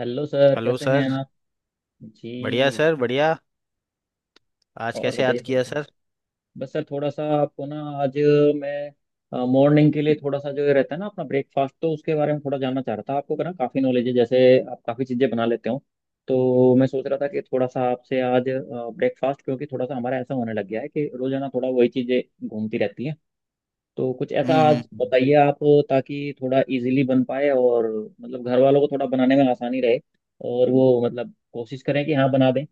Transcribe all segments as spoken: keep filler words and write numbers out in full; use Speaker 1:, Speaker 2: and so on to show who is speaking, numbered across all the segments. Speaker 1: Hello sir,
Speaker 2: hello
Speaker 1: कैसे
Speaker 2: sir.
Speaker 1: हैं आप? जी।
Speaker 2: बढ़िया सर बढ़िया। आज
Speaker 1: और
Speaker 2: कैसे याद
Speaker 1: बताइए सर,
Speaker 2: किया
Speaker 1: क्या-
Speaker 2: सर?
Speaker 1: बस सर, थोड़ा सा आपको ना आज मैं मॉर्निंग के लिए, थोड़ा सा जो ये रहता है ना अपना ब्रेकफास्ट, तो उसके बारे में थोड़ा जानना चाह रहा था। आपको ना काफ़ी नॉलेज है, जैसे आप काफ़ी चीज़ें बना लेते हो। तो मैं सोच रहा था कि थोड़ा सा आपसे आज ब्रेकफास्ट, क्योंकि थोड़ा सा हमारा ऐसा होने लग गया है कि रोजाना थोड़ा वही चीज़ें घूमती रहती हैं। तो कुछ ऐसा
Speaker 2: हम्म हम्म,
Speaker 1: आज
Speaker 2: हम्म।
Speaker 1: बताइए आप, ताकि थोड़ा इजीली बन पाए और मतलब घर वालों को थोड़ा बनाने में आसानी रहे, और वो मतलब कोशिश करें कि हाँ बना दें।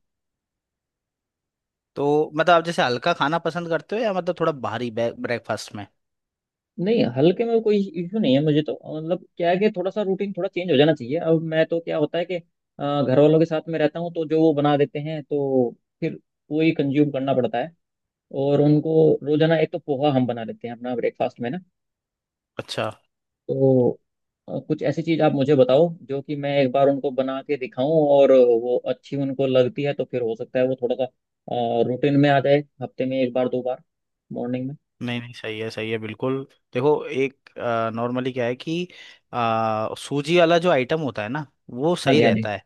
Speaker 2: तो मतलब आप जैसे हल्का खाना पसंद करते हो या मतलब थोड़ा भारी ब्रेकफास्ट में?
Speaker 1: नहीं, हल्के में कोई इशू नहीं है मुझे। तो मतलब क्या है कि थोड़ा सा रूटीन थोड़ा चेंज हो जाना चाहिए। अब मैं तो क्या होता है कि अ, घर वालों के साथ में रहता हूँ, तो जो वो बना देते हैं तो फिर वही कंज्यूम करना पड़ता है। और उनको रोजाना एक तो पोहा हम बना लेते हैं अपना ब्रेकफास्ट में ना।
Speaker 2: अच्छा।
Speaker 1: तो अ, कुछ ऐसी चीज आप मुझे बताओ जो कि मैं एक बार उनको बना के दिखाऊं, और वो अच्छी उनको लगती है तो फिर हो सकता है वो थोड़ा सा रूटीन में आ जाए, हफ्ते में एक बार दो बार मॉर्निंग में।
Speaker 2: नहीं नहीं, सही है सही है बिल्कुल। देखो एक नॉर्मली क्या है कि आ, सूजी वाला जो आइटम होता है ना वो
Speaker 1: हाँ
Speaker 2: सही
Speaker 1: जी, हाँ जी।
Speaker 2: रहता है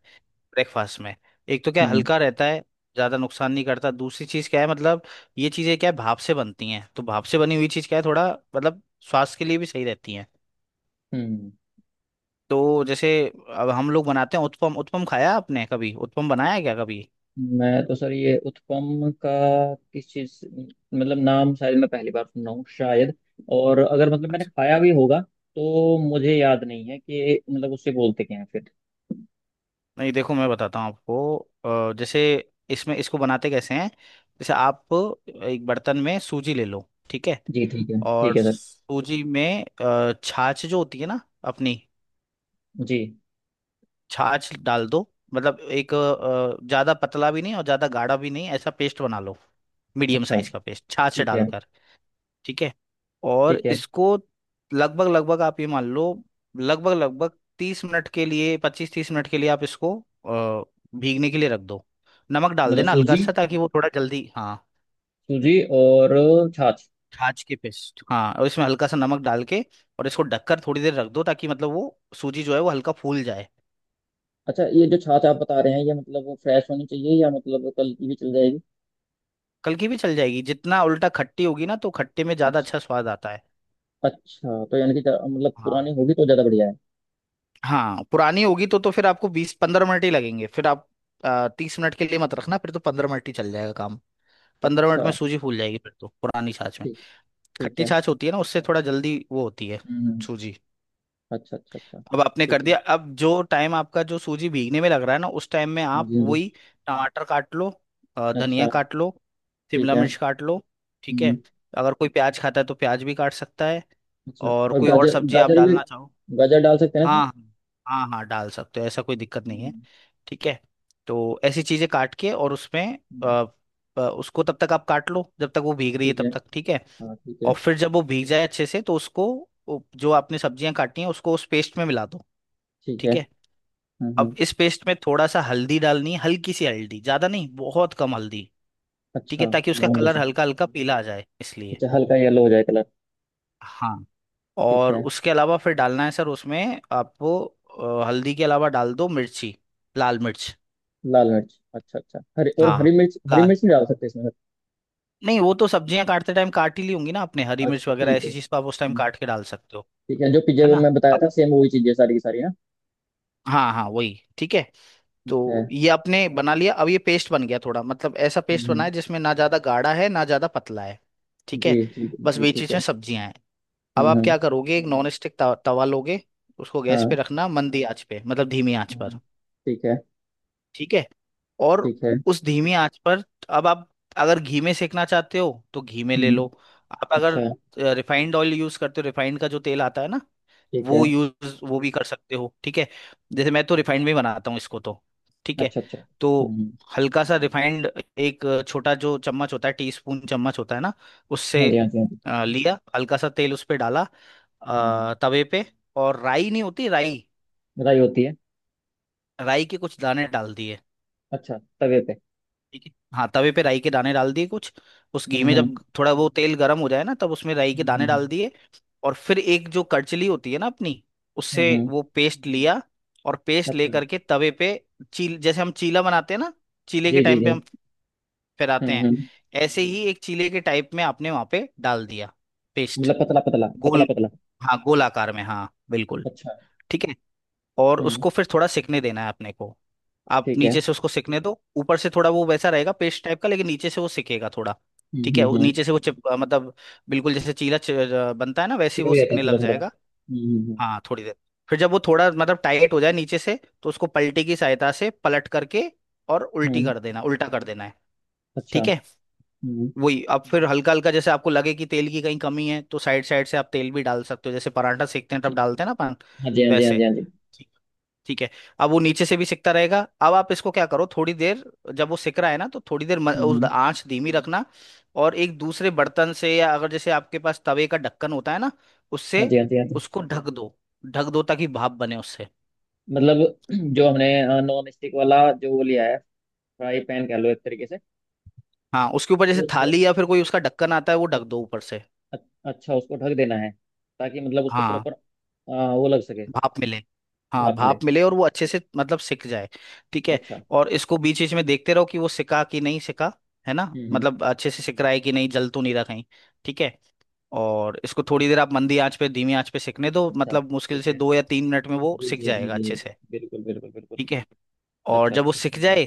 Speaker 2: ब्रेकफास्ट में। एक तो क्या है,
Speaker 1: हम्म
Speaker 2: हल्का रहता है, ज़्यादा नुकसान नहीं करता। दूसरी चीज़ क्या है, मतलब ये चीज़ें क्या है भाप से बनती हैं, तो भाप से बनी हुई चीज़ क्या है थोड़ा मतलब स्वास्थ्य के लिए भी सही रहती हैं।
Speaker 1: हम्म।
Speaker 2: तो जैसे अब हम लोग बनाते हैं उत्पम। उत्पम खाया आपने कभी? उत्पम बनाया क्या कभी?
Speaker 1: मैं तो सर ये उत्पम का किस चीज से- मतलब नाम शायद मैं पहली बार सुन रहा हूँ शायद। और अगर मतलब मैंने
Speaker 2: अच्छा।
Speaker 1: खाया भी होगा तो मुझे याद नहीं है कि मतलब उससे बोलते क्या है फिर।
Speaker 2: नहीं देखो मैं बताता हूँ आपको। अ, जैसे इसमें इसको बनाते कैसे हैं। जैसे आप एक बर्तन में सूजी ले लो, ठीक है।
Speaker 1: जी ठीक है,
Speaker 2: और
Speaker 1: ठीक है सर।
Speaker 2: सूजी में अ, छाछ जो होती है ना अपनी,
Speaker 1: जी।
Speaker 2: छाछ डाल दो। मतलब एक अ, ज़्यादा पतला भी नहीं और ज़्यादा गाढ़ा भी नहीं, ऐसा पेस्ट बना लो। मीडियम
Speaker 1: अच्छा।
Speaker 2: साइज का पेस्ट छाछ
Speaker 1: ठीक है,
Speaker 2: डालकर, ठीक है। और
Speaker 1: ठीक है।
Speaker 2: इसको लगभग लगभग आप ये मान लो, लगभग लगभग तीस मिनट के लिए, पच्चीस तीस मिनट के लिए आप इसको अ, भीगने के लिए रख दो। नमक डाल
Speaker 1: मतलब
Speaker 2: देना हल्का
Speaker 1: सूजी,
Speaker 2: सा ताकि वो थोड़ा जल्दी, हाँ।
Speaker 1: सूजी और छाछ।
Speaker 2: छाछ के पेस्ट, हाँ, और इसमें हल्का सा नमक डाल के और इसको ढककर थोड़ी देर रख दो ताकि मतलब वो सूजी जो है वो हल्का फूल जाए।
Speaker 1: अच्छा, ये जो छाछ आप बता रहे हैं ये मतलब वो फ्रेश होनी चाहिए या मतलब कल की भी चल जाएगी?
Speaker 2: कल की भी चल जाएगी, जितना उल्टा खट्टी होगी ना तो खट्टे में ज्यादा
Speaker 1: अच्छा।
Speaker 2: अच्छा स्वाद आता है।
Speaker 1: अच्छा, तो यानी कि ज- मतलब
Speaker 2: हाँ।
Speaker 1: पुरानी होगी तो ज़्यादा बढ़िया है।
Speaker 2: हाँ पुरानी होगी तो तो फिर आपको बीस पंद्रह मिनट ही लगेंगे, फिर आप तीस मिनट के लिए मत रखना, फिर तो पंद्रह मिनट ही चल जाएगा काम। पंद्रह मिनट में
Speaker 1: अच्छा।
Speaker 2: सूजी फूल जाएगी फिर तो पुरानी छाछ में।
Speaker 1: ठीक, ठीक
Speaker 2: खट्टी
Speaker 1: है।
Speaker 2: छाछ होती है ना उससे थोड़ा जल्दी वो होती है
Speaker 1: हम्म।
Speaker 2: सूजी।
Speaker 1: अच्छा, अच्छा, अच्छा।
Speaker 2: अब आपने
Speaker 1: ठीक
Speaker 2: कर
Speaker 1: है।
Speaker 2: दिया, अब जो टाइम आपका जो सूजी भीगने में लग रहा है ना उस टाइम में
Speaker 1: हाँ
Speaker 2: आप
Speaker 1: जी, हाँ जी।
Speaker 2: वही टमाटर काट लो, अ, धनिया
Speaker 1: अच्छा।
Speaker 2: काट लो,
Speaker 1: ठीक
Speaker 2: शिमला
Speaker 1: है।
Speaker 2: मिर्च काट लो, ठीक है।
Speaker 1: हम्म।
Speaker 2: अगर कोई प्याज खाता है तो प्याज भी काट सकता है,
Speaker 1: अच्छा।
Speaker 2: और
Speaker 1: और
Speaker 2: कोई और
Speaker 1: गाजर,
Speaker 2: सब्जी आप
Speaker 1: गाजर भी।
Speaker 2: डालना चाहो।
Speaker 1: गाजर डाल सकते हैं इसमें?
Speaker 2: हाँ हाँ। हाँ हाँ डाल सकते हो, ऐसा कोई दिक्कत नहीं है।
Speaker 1: हम्म,
Speaker 2: ठीक है। तो ऐसी चीजें काट के और उसमें अ,
Speaker 1: हम्म,
Speaker 2: अ, उसको तब तक आप काट लो जब तक वो भीग रही है
Speaker 1: ठीक है।
Speaker 2: तब तक, ठीक है।
Speaker 1: हाँ ठीक
Speaker 2: और
Speaker 1: है,
Speaker 2: फिर जब वो भीग जाए अच्छे से तो उसको, वो जो आपने सब्जियां काटी हैं उसको उस पेस्ट में मिला दो,
Speaker 1: ठीक है।
Speaker 2: ठीक है।
Speaker 1: हम्म
Speaker 2: अब
Speaker 1: हम्म,
Speaker 2: इस पेस्ट में थोड़ा सा हल्दी डालनी है, हल्की सी हल्दी, ज्यादा नहीं, बहुत कम हल्दी, ठीक है,
Speaker 1: अच्छा।
Speaker 2: ताकि उसका
Speaker 1: मामूली
Speaker 2: कलर
Speaker 1: सी।
Speaker 2: हल्का हल्का पीला आ जाए इसलिए।
Speaker 1: अच्छा, हल्का येलो हो जाए कलर।
Speaker 2: हाँ,
Speaker 1: ठीक
Speaker 2: और
Speaker 1: है।
Speaker 2: उसके अलावा फिर डालना है सर उसमें आपको अ, हल्दी के अलावा डाल दो मिर्ची, लाल मिर्च।
Speaker 1: लाल मिर्च, अच्छा अच्छा हरी, और
Speaker 2: हाँ
Speaker 1: हरी मिर्च, हरी
Speaker 2: लाल।
Speaker 1: मिर्च नहीं डाल सकते इसमें?
Speaker 2: नहीं वो तो सब्जियां काटते टाइम काट ही ली होंगी ना आपने हरी मिर्च
Speaker 1: अच्छा
Speaker 2: वगैरह
Speaker 1: ठीक है।
Speaker 2: ऐसी चीज, तो आप उस टाइम
Speaker 1: हम्म,
Speaker 2: काट के डाल सकते हो।
Speaker 1: ठीक है, जो पिज्जा
Speaker 2: है
Speaker 1: में
Speaker 2: ना।
Speaker 1: मैं बताया
Speaker 2: अब-
Speaker 1: था सेम वही चीजें सारी की सारी ना।
Speaker 2: हाँ हाँ वही ठीक है।
Speaker 1: ठीक है।
Speaker 2: तो ये आपने बना लिया, अब ये पेस्ट बन गया थोड़ा, मतलब ऐसा पेस्ट
Speaker 1: हम्म हम्म।
Speaker 2: बना है जिसमें ना ज्यादा गाढ़ा है ना ज्यादा पतला है, ठीक
Speaker 1: जी
Speaker 2: है।
Speaker 1: जी
Speaker 2: बस
Speaker 1: जी,
Speaker 2: बीच
Speaker 1: ठीक
Speaker 2: बीच में
Speaker 1: है।
Speaker 2: सब्जियां हैं। अब
Speaker 1: हम्म
Speaker 2: आप
Speaker 1: हम्म,
Speaker 2: क्या करोगे, एक नॉन स्टिक तवा तवा लोगे, उसको गैस पे
Speaker 1: हाँ।
Speaker 2: रखना मंदी आंच पे, मतलब धीमी आंच
Speaker 1: हम्म,
Speaker 2: पर,
Speaker 1: ठीक है।
Speaker 2: ठीक है। और
Speaker 1: ठीक है।
Speaker 2: उस धीमी आंच पर अब आप, अगर घी में सेकना चाहते हो तो घी में ले लो।
Speaker 1: हम्म।
Speaker 2: आप अगर
Speaker 1: अच्छा।
Speaker 2: रिफाइंड ऑयल यूज करते हो, रिफाइंड का जो तेल आता है ना,
Speaker 1: ठीक
Speaker 2: वो
Speaker 1: है।
Speaker 2: यूज वो भी कर सकते हो, ठीक है। जैसे मैं तो रिफाइंड में ही बनाता हूँ इसको तो, ठीक है।
Speaker 1: अच्छा अच्छा,
Speaker 2: तो
Speaker 1: हम्म हम्म।
Speaker 2: हल्का सा रिफाइंड, एक छोटा जो चम्मच होता है टीस्पून चम्मच होता है ना,
Speaker 1: हाँ
Speaker 2: उससे
Speaker 1: जी, हाँ जी, हाँ जी।
Speaker 2: अ, लिया हल्का सा तेल उस पे डाला,
Speaker 1: हम्म हम्म।
Speaker 2: अ, तवे पे। और राई नहीं होती राई,
Speaker 1: राई होती है।
Speaker 2: राई के कुछ दाने डाल दिए,
Speaker 1: अच्छा, तवे पे।
Speaker 2: ठीक है। हाँ तवे पे राई के दाने डाल दिए कुछ, उस घी
Speaker 1: हम्म
Speaker 2: में
Speaker 1: हम्म।
Speaker 2: जब थोड़ा वो तेल गर्म हो जाए ना तब उसमें राई के
Speaker 1: हम्म
Speaker 2: दाने डाल
Speaker 1: हम्म।
Speaker 2: दिए। और फिर एक जो करचली होती है ना अपनी,
Speaker 1: हम्म,
Speaker 2: उससे
Speaker 1: हम्म, हम्म।
Speaker 2: वो पेस्ट लिया और पेस्ट
Speaker 1: अच्छा।
Speaker 2: लेकर के तवे पे, चील जैसे हम चीला बनाते हैं ना, चीले के
Speaker 1: जी जी
Speaker 2: टाइम पे
Speaker 1: जी।
Speaker 2: हम फैलाते
Speaker 1: हम्म
Speaker 2: हैं,
Speaker 1: हम्म।
Speaker 2: ऐसे ही एक चीले के टाइप में आपने वहां पे डाल दिया पेस्ट।
Speaker 1: मतलब पतला पतला पतला
Speaker 2: गोल,
Speaker 1: पतला।
Speaker 2: हाँ गोल आकार में, हाँ बिल्कुल,
Speaker 1: अच्छा।
Speaker 2: ठीक है। और
Speaker 1: हम्म।
Speaker 2: उसको फिर थोड़ा सिकने देना है अपने को। आप
Speaker 1: ठीक है।
Speaker 2: नीचे से उसको सिकने दो, ऊपर से थोड़ा वो वैसा रहेगा पेस्ट टाइप का, लेकिन नीचे से वो सिकेगा थोड़ा,
Speaker 1: हम्म
Speaker 2: ठीक है।
Speaker 1: हम्म
Speaker 2: वो
Speaker 1: हम्म।
Speaker 2: नीचे से वो चिप अ, मतलब बिल्कुल जैसे चीला च, अ, बनता है ना वैसे ही वो
Speaker 1: चिपक जाता है
Speaker 2: सिकने
Speaker 1: थोड़ा
Speaker 2: लग
Speaker 1: थोड़ा।
Speaker 2: जाएगा।
Speaker 1: हम्म हम्म।
Speaker 2: हाँ थोड़ी देर, फिर जब वो थोड़ा मतलब टाइट हो जाए नीचे से, तो उसको पलटे की सहायता से पलट करके और
Speaker 1: हम्म
Speaker 2: उल्टी
Speaker 1: हम्म,
Speaker 2: कर देना, उल्टा कर देना है,
Speaker 1: अच्छा।
Speaker 2: ठीक है।
Speaker 1: हम्म।
Speaker 2: वही, अब फिर हल्का हल्का जैसे आपको लगे कि तेल की कहीं कमी है तो साइड साइड से आप तेल भी डाल सकते हो, जैसे पराठा सेकते हैं
Speaker 1: अच्छा।
Speaker 2: तब डालते हैं ना अपन
Speaker 1: हाँ जी, हाँ जी, हाँ जी,
Speaker 2: वैसे,
Speaker 1: हाँ जी।
Speaker 2: ठीक है। अब वो नीचे से भी सिकता रहेगा, अब आप इसको क्या करो, थोड़ी देर जब वो सिक रहा है ना तो थोड़ी देर म-
Speaker 1: हम्म
Speaker 2: उस
Speaker 1: हम्म,
Speaker 2: आंच धीमी रखना। और एक दूसरे बर्तन से, या अगर जैसे आपके पास तवे का ढक्कन होता है ना,
Speaker 1: हाँ
Speaker 2: उससे
Speaker 1: जी, हाँ जी, हाँ जी।
Speaker 2: उसको ढक दो। ढक दो ताकि भाप बने उससे।
Speaker 1: मतलब जो हमने नॉन स्टिक वाला जो वो लिया है, फ्राई पैन कह लो एक तरीके से।
Speaker 2: हाँ उसके ऊपर जैसे
Speaker 1: उस
Speaker 2: थाली या फिर कोई उसका ढक्कन आता है वो
Speaker 1: अ-
Speaker 2: ढक दो ऊपर से।
Speaker 1: अ- अच्छा उसको ढक देना है, ताकि मतलब उसको
Speaker 2: हाँ
Speaker 1: प्रॉपर आ, वो लग सके।
Speaker 2: भाप मिले। हाँ
Speaker 1: भाप मिले।
Speaker 2: भाप मिले और वो अच्छे से मतलब सिक जाए, ठीक है।
Speaker 1: अच्छा।
Speaker 2: और इसको बीच बीच में देखते रहो कि वो सिका कि नहीं सिका, है ना,
Speaker 1: हम्म हम्म।
Speaker 2: मतलब अच्छे से सिक रहा है कि नहीं, जल तो नहीं रहा कहीं, ठीक है। और इसको थोड़ी देर आप मंदी आंच पे धीमी आंच पे सिकने दो,
Speaker 1: अच्छा,
Speaker 2: मतलब मुश्किल
Speaker 1: ठीक
Speaker 2: से
Speaker 1: है।
Speaker 2: दो या तीन मिनट में वो
Speaker 1: जी
Speaker 2: सिक
Speaker 1: जी जी
Speaker 2: जाएगा
Speaker 1: जी जी,
Speaker 2: अच्छे से,
Speaker 1: बिल्कुल बिल्कुल बिल्कुल।
Speaker 2: ठीक है। और
Speaker 1: अच्छा
Speaker 2: जब वो
Speaker 1: अच्छा,
Speaker 2: सिक
Speaker 1: ठीक है।
Speaker 2: जाए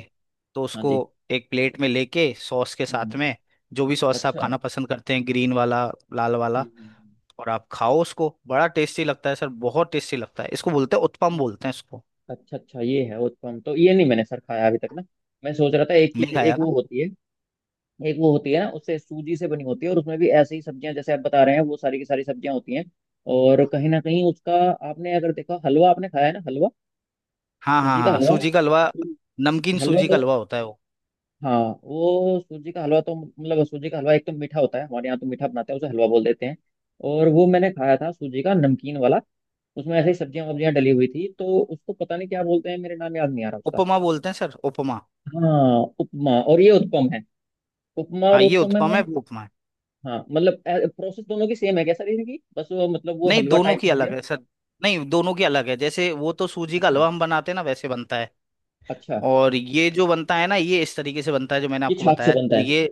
Speaker 2: तो
Speaker 1: हाँ
Speaker 2: उसको
Speaker 1: जी।
Speaker 2: एक प्लेट में लेके सॉस के साथ
Speaker 1: हम्म।
Speaker 2: में, जो भी सॉस आप
Speaker 1: अच्छा। हम्म
Speaker 2: खाना पसंद करते हैं, ग्रीन वाला लाल वाला,
Speaker 1: हम्म, हम्म।
Speaker 2: और आप खाओ उसको, बड़ा टेस्टी लगता है सर, बहुत टेस्टी लगता है। इसको बोलते हैं उत्पम,
Speaker 1: ये-
Speaker 2: बोलते हैं इसको।
Speaker 1: अच्छा अच्छा, ये है उत्पम। तो ये नहीं मैंने सर खाया अभी तक ना। मैं सोच रहा था एक चीज,
Speaker 2: नहीं
Speaker 1: एक
Speaker 2: खाया ना।
Speaker 1: वो होती है। एक वो होती है ना उससे सूजी से बनी होती है, और उसमें भी ऐसी ही सब्जियां जैसे आप बता रहे हैं वो सारी की सारी सब्जियां होती हैं, और कहीं ना कहीं उसका आपने अगर देखा। हलवा आपने खाया है ना? हलवा,
Speaker 2: हाँ हाँ
Speaker 1: सूजी का
Speaker 2: हाँ
Speaker 1: हलवा।
Speaker 2: सूजी का हलवा। नमकीन
Speaker 1: हलवा
Speaker 2: सूजी का
Speaker 1: तो
Speaker 2: हलवा होता है वो।
Speaker 1: हाँ। वो सूजी का हलवा तो मतलब सूजी का हलवा एक तो मीठा होता है, हमारे यहाँ तो मीठा बनाते हैं उसे हलवा बोल देते हैं। और वो मैंने खाया था सूजी का नमकीन वाला, उसमें ऐसे ही सब्जियां वब्जियां डली हुई थी तो उसको पता नहीं क्या बोलते हैं, मेरे नाम याद नहीं आ रहा उसका।
Speaker 2: उपमा बोलते हैं सर, उपमा।
Speaker 1: हाँ उपमा, और ये उत्पम है। उपमा और
Speaker 2: हाँ ये
Speaker 1: उत्पम में
Speaker 2: उत्पम
Speaker 1: मैं,
Speaker 2: है, वो उपमा है।
Speaker 1: हाँ मतलब प्रोसेस दोनों की सेम है क्या सर इनकी? बस वो मतलब वो
Speaker 2: नहीं
Speaker 1: हलवा
Speaker 2: दोनों
Speaker 1: टाइप
Speaker 2: की
Speaker 1: हो गया।
Speaker 2: अलग है सर। नहीं दोनों की अलग है, जैसे वो तो सूजी का
Speaker 1: अच्छा।
Speaker 2: हलवा हम बनाते हैं ना वैसे बनता है।
Speaker 1: अच्छा,
Speaker 2: और ये जो बनता है ना ये इस तरीके से बनता है जो मैंने
Speaker 1: ये
Speaker 2: आपको
Speaker 1: छाछ से
Speaker 2: बताया
Speaker 1: बनता
Speaker 2: तो
Speaker 1: है,
Speaker 2: ये,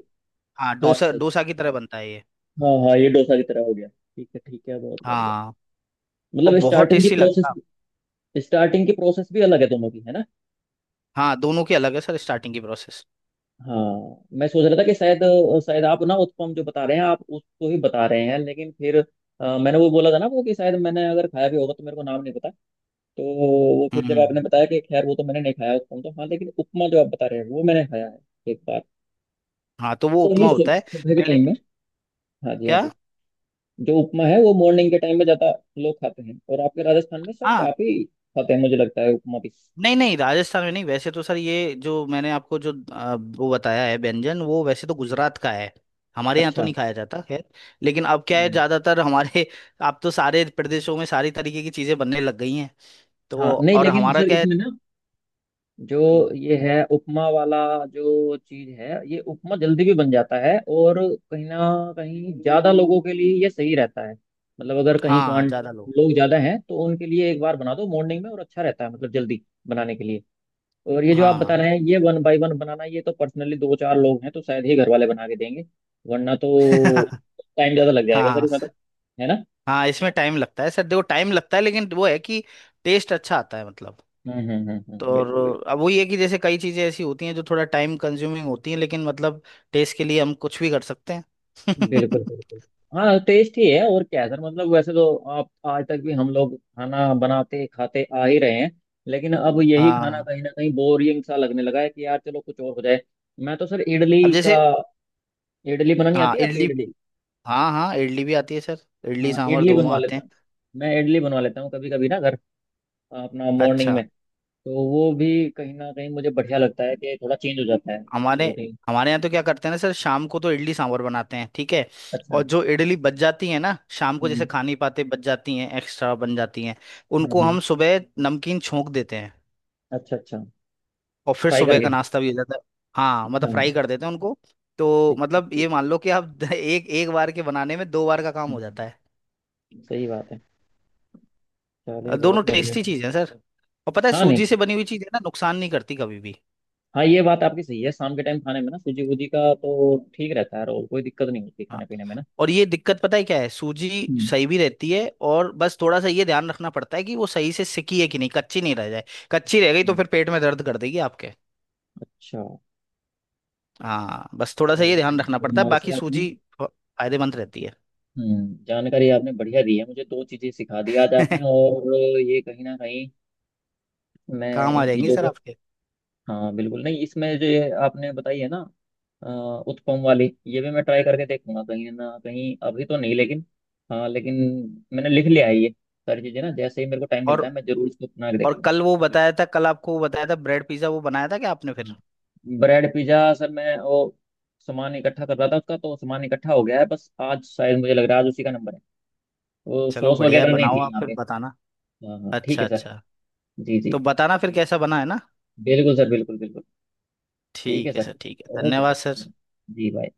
Speaker 2: हाँ
Speaker 1: छाछ
Speaker 2: डोसा,
Speaker 1: से।
Speaker 2: डोसा की तरह बनता है ये।
Speaker 1: हाँ हाँ, ये डोसा की तरह हो गया, ठीक है, ठीक है, बहुत बढ़िया।
Speaker 2: हाँ और
Speaker 1: मतलब
Speaker 2: बहुत
Speaker 1: स्टार्टिंग की
Speaker 2: टेस्टी
Speaker 1: प्रोसेस,
Speaker 2: लगता है।
Speaker 1: स्टार्टिंग की प्रोसेस भी अलग है दोनों की है ना?
Speaker 2: हाँ दोनों की अलग है सर स्टार्टिंग की प्रोसेस।
Speaker 1: हाँ। मैं सोच रहा था कि शायद, शायद आप ना उत्पम जो बता रहे हैं आप उसको ही बता रहे हैं, लेकिन फिर अ, मैंने वो बोला था ना वो, कि शायद मैंने अगर खाया भी होगा तो मेरे को नाम नहीं पता। तो वो
Speaker 2: हम्म
Speaker 1: फिर
Speaker 2: हम्म,
Speaker 1: जब आपने
Speaker 2: हम्म।
Speaker 1: बताया कि खैर वो तो मैंने नहीं खाया उत्पम तो, हाँ लेकिन उपमा जो आप बता रहे हैं वो मैंने खाया है एक बार।
Speaker 2: हाँ तो वो
Speaker 1: तो ये
Speaker 2: उपमा
Speaker 1: सु-
Speaker 2: होता है।
Speaker 1: सुबह के
Speaker 2: पहले
Speaker 1: टाइम में, हाँ जी हाँ
Speaker 2: क्या?
Speaker 1: जी, जो उपमा है वो मॉर्निंग के टाइम में ज्यादा लोग खाते हैं, और आपके राजस्थान में सर
Speaker 2: हाँ
Speaker 1: काफी खाते हैं मुझे लगता है उपमा भी।
Speaker 2: नहीं नहीं, राजस्थान में नहीं, वैसे तो सर ये जो मैंने आपको जो आ, वो बताया है व्यंजन, वो वैसे तो
Speaker 1: जी।
Speaker 2: गुजरात का है। हमारे यहाँ तो
Speaker 1: अच्छा।
Speaker 2: नहीं खाया जाता खैर, लेकिन अब क्या है,
Speaker 1: हम्म।
Speaker 2: ज्यादातर हमारे अब तो सारे प्रदेशों में सारी तरीके की चीजें बनने लग गई हैं। तो
Speaker 1: हाँ नहीं,
Speaker 2: और
Speaker 1: लेकिन
Speaker 2: हमारा
Speaker 1: सर
Speaker 2: क्या है।
Speaker 1: इसमें ना, जो
Speaker 2: हम्म,
Speaker 1: ये है उपमा वाला जो चीज है, ये उपमा जल्दी भी बन जाता है, और कहीं ना कहीं ज्यादा लोगों के लिए ये सही रहता है, मतलब अगर कहीं
Speaker 2: हाँ
Speaker 1: क्वांट
Speaker 2: ज्यादा लोग।
Speaker 1: लोग ज्यादा हैं तो उनके लिए एक बार बना दो मॉर्निंग में और अच्छा रहता है, मतलब जल्दी बनाने के लिए। और ये जो आप बता
Speaker 2: हाँ।
Speaker 1: रहे हैं ये वन बाय वन बनाना, ये तो पर्सनली दो चार लोग हैं तो शायद ही घर वाले बना के देंगे, वरना तो टाइम ज्यादा लग जाएगा सर
Speaker 2: हाँ
Speaker 1: इसमें तो, है ना?
Speaker 2: हाँ इसमें टाइम लगता है सर, देखो टाइम लगता है लेकिन वो है कि टेस्ट अच्छा आता है मतलब।
Speaker 1: हम्म हम्म हम्म
Speaker 2: तो
Speaker 1: हम्म, बिल्कुल
Speaker 2: और
Speaker 1: बिल्कुल
Speaker 2: अब वही है कि जैसे कई चीजें ऐसी होती हैं जो थोड़ा टाइम कंज्यूमिंग होती हैं लेकिन मतलब टेस्ट के लिए हम कुछ भी कर सकते हैं।
Speaker 1: बिल्कुल बिल्कुल। हाँ टेस्ट ही है और क्या है सर, मतलब वैसे तो आप आज तक भी हम लोग खाना बनाते खाते आ ही रहे हैं, लेकिन अब यही खाना
Speaker 2: हाँ
Speaker 1: कहीं ना कहीं बोरिंग सा लगने लगा है कि यार चलो कुछ और हो जाए। मैं तो सर इडली
Speaker 2: अब जैसे,
Speaker 1: का, इडली बनानी
Speaker 2: हाँ
Speaker 1: आती है आपसे
Speaker 2: इडली।
Speaker 1: इडली?
Speaker 2: हाँ हाँ इडली भी आती है सर, इडली
Speaker 1: हाँ
Speaker 2: सांभर
Speaker 1: इडली
Speaker 2: दोनों
Speaker 1: बनवा
Speaker 2: आते
Speaker 1: लेता
Speaker 2: हैं।
Speaker 1: हूँ, मैं इडली बनवा लेता हूँ कभी कभी ना घर, अपना मॉर्निंग
Speaker 2: अच्छा।
Speaker 1: में। तो वो भी कहीं ना कहीं मुझे बढ़िया लगता है कि थोड़ा चेंज हो जाता है
Speaker 2: हमारे
Speaker 1: रूटीन।
Speaker 2: हमारे यहाँ तो क्या करते हैं ना सर, शाम को तो इडली सांभर बनाते हैं, ठीक है।
Speaker 1: अच्छा।
Speaker 2: और जो इडली बच जाती है ना शाम को, जैसे
Speaker 1: हम्म
Speaker 2: खा नहीं पाते बच जाती हैं, एक्स्ट्रा बन जाती हैं,
Speaker 1: हम्म
Speaker 2: उनको
Speaker 1: हम्म।
Speaker 2: हम सुबह नमकीन छोंक देते हैं
Speaker 1: अच्छा, अच्छा।
Speaker 2: और फिर
Speaker 1: फ्राई
Speaker 2: सुबह का
Speaker 1: करके।
Speaker 2: नाश्ता भी हो जाता है। हाँ मतलब
Speaker 1: हाँ।
Speaker 2: फ्राई कर देते हैं उनको। तो
Speaker 1: ठीक ठीक
Speaker 2: मतलब ये
Speaker 1: ठीक।
Speaker 2: मान लो कि आप एक एक बार के बनाने में दो बार का काम हो जाता
Speaker 1: हम्म।
Speaker 2: है।
Speaker 1: सही बात है,
Speaker 2: अ,
Speaker 1: चलिए
Speaker 2: दोनों
Speaker 1: बहुत बढ़िया।
Speaker 2: टेस्टी चीज़ है सर। और पता है
Speaker 1: हाँ नहीं,
Speaker 2: सूजी से बनी हुई चीज़ है ना, नुकसान नहीं करती कभी भी।
Speaker 1: हाँ ये बात आपकी सही है, शाम के टाइम खाने में ना सूजी वूजी का तो ठीक रहता है, रोल कोई दिक्कत नहीं होती
Speaker 2: हाँ,
Speaker 1: खाने पीने में ना।
Speaker 2: और ये दिक्कत पता है क्या है सूजी,
Speaker 1: हम्म,
Speaker 2: सही भी रहती है और बस थोड़ा सा ये ध्यान रखना पड़ता है कि वो सही से सिकी है कि नहीं, कच्ची नहीं रह जाए, कच्ची रह गई तो फिर पेट में दर्द कर देगी आपके।
Speaker 1: अच्छा।
Speaker 2: हाँ बस थोड़ा सा ये
Speaker 1: चलिए
Speaker 2: ध्यान
Speaker 1: बहुत
Speaker 2: रखना पड़ता
Speaker 1: बढ़िया,
Speaker 2: है,
Speaker 1: वैसे
Speaker 2: बाकी
Speaker 1: आपने,
Speaker 2: सूजी फ- फायदेमंद रहती है।
Speaker 1: हम्म जानकारी आपने बढ़िया दी है, मुझे दो चीजें सिखा दी आज आपने। और ये कहीं ना कहीं, मैं
Speaker 2: काम आ
Speaker 1: इन
Speaker 2: जाएंगी
Speaker 1: चीजों
Speaker 2: सर
Speaker 1: को,
Speaker 2: आपके।
Speaker 1: हाँ बिल्कुल। नहीं इसमें जो ये आपने बताई है ना, अ, उत्पम वाली, ये भी मैं ट्राई करके देखूंगा कहीं ना कहीं, अभी तो नहीं लेकिन, हाँ लेकिन मैंने लिख लिया है ये सारी चीजें ना, जैसे ही मेरे को टाइम मिलता
Speaker 2: और
Speaker 1: है मैं जरूर इसको अपना के
Speaker 2: और
Speaker 1: देखूंगा।
Speaker 2: कल वो बताया था, कल आपको वो बताया था ब्रेड पिज्जा, वो बनाया था क्या आपने फिर?
Speaker 1: हम्म, ब्रेड पिज्जा सर मैं वो सामान इकट्ठा कर रहा था उसका, तो सामान इकट्ठा हो गया है, बस आज शायद मुझे लग रहा है आज उसी का नंबर है, वो
Speaker 2: चलो
Speaker 1: सॉस
Speaker 2: बढ़िया है,
Speaker 1: वगैरह नहीं
Speaker 2: बनाओ
Speaker 1: थी
Speaker 2: आप
Speaker 1: यहाँ
Speaker 2: फिर
Speaker 1: पे।
Speaker 2: बताना।
Speaker 1: हाँ हाँ ठीक
Speaker 2: अच्छा
Speaker 1: है सर।
Speaker 2: अच्छा।
Speaker 1: जी जी।
Speaker 2: तो बताना फिर कैसा बना है ना।
Speaker 1: बिल्कुल सर, बिल्कुल बिल्कुल। ठीक है
Speaker 2: ठीक है
Speaker 1: सर।
Speaker 2: सर, ठीक है,
Speaker 1: ओके सर।
Speaker 2: धन्यवाद सर।
Speaker 1: जी, बाय।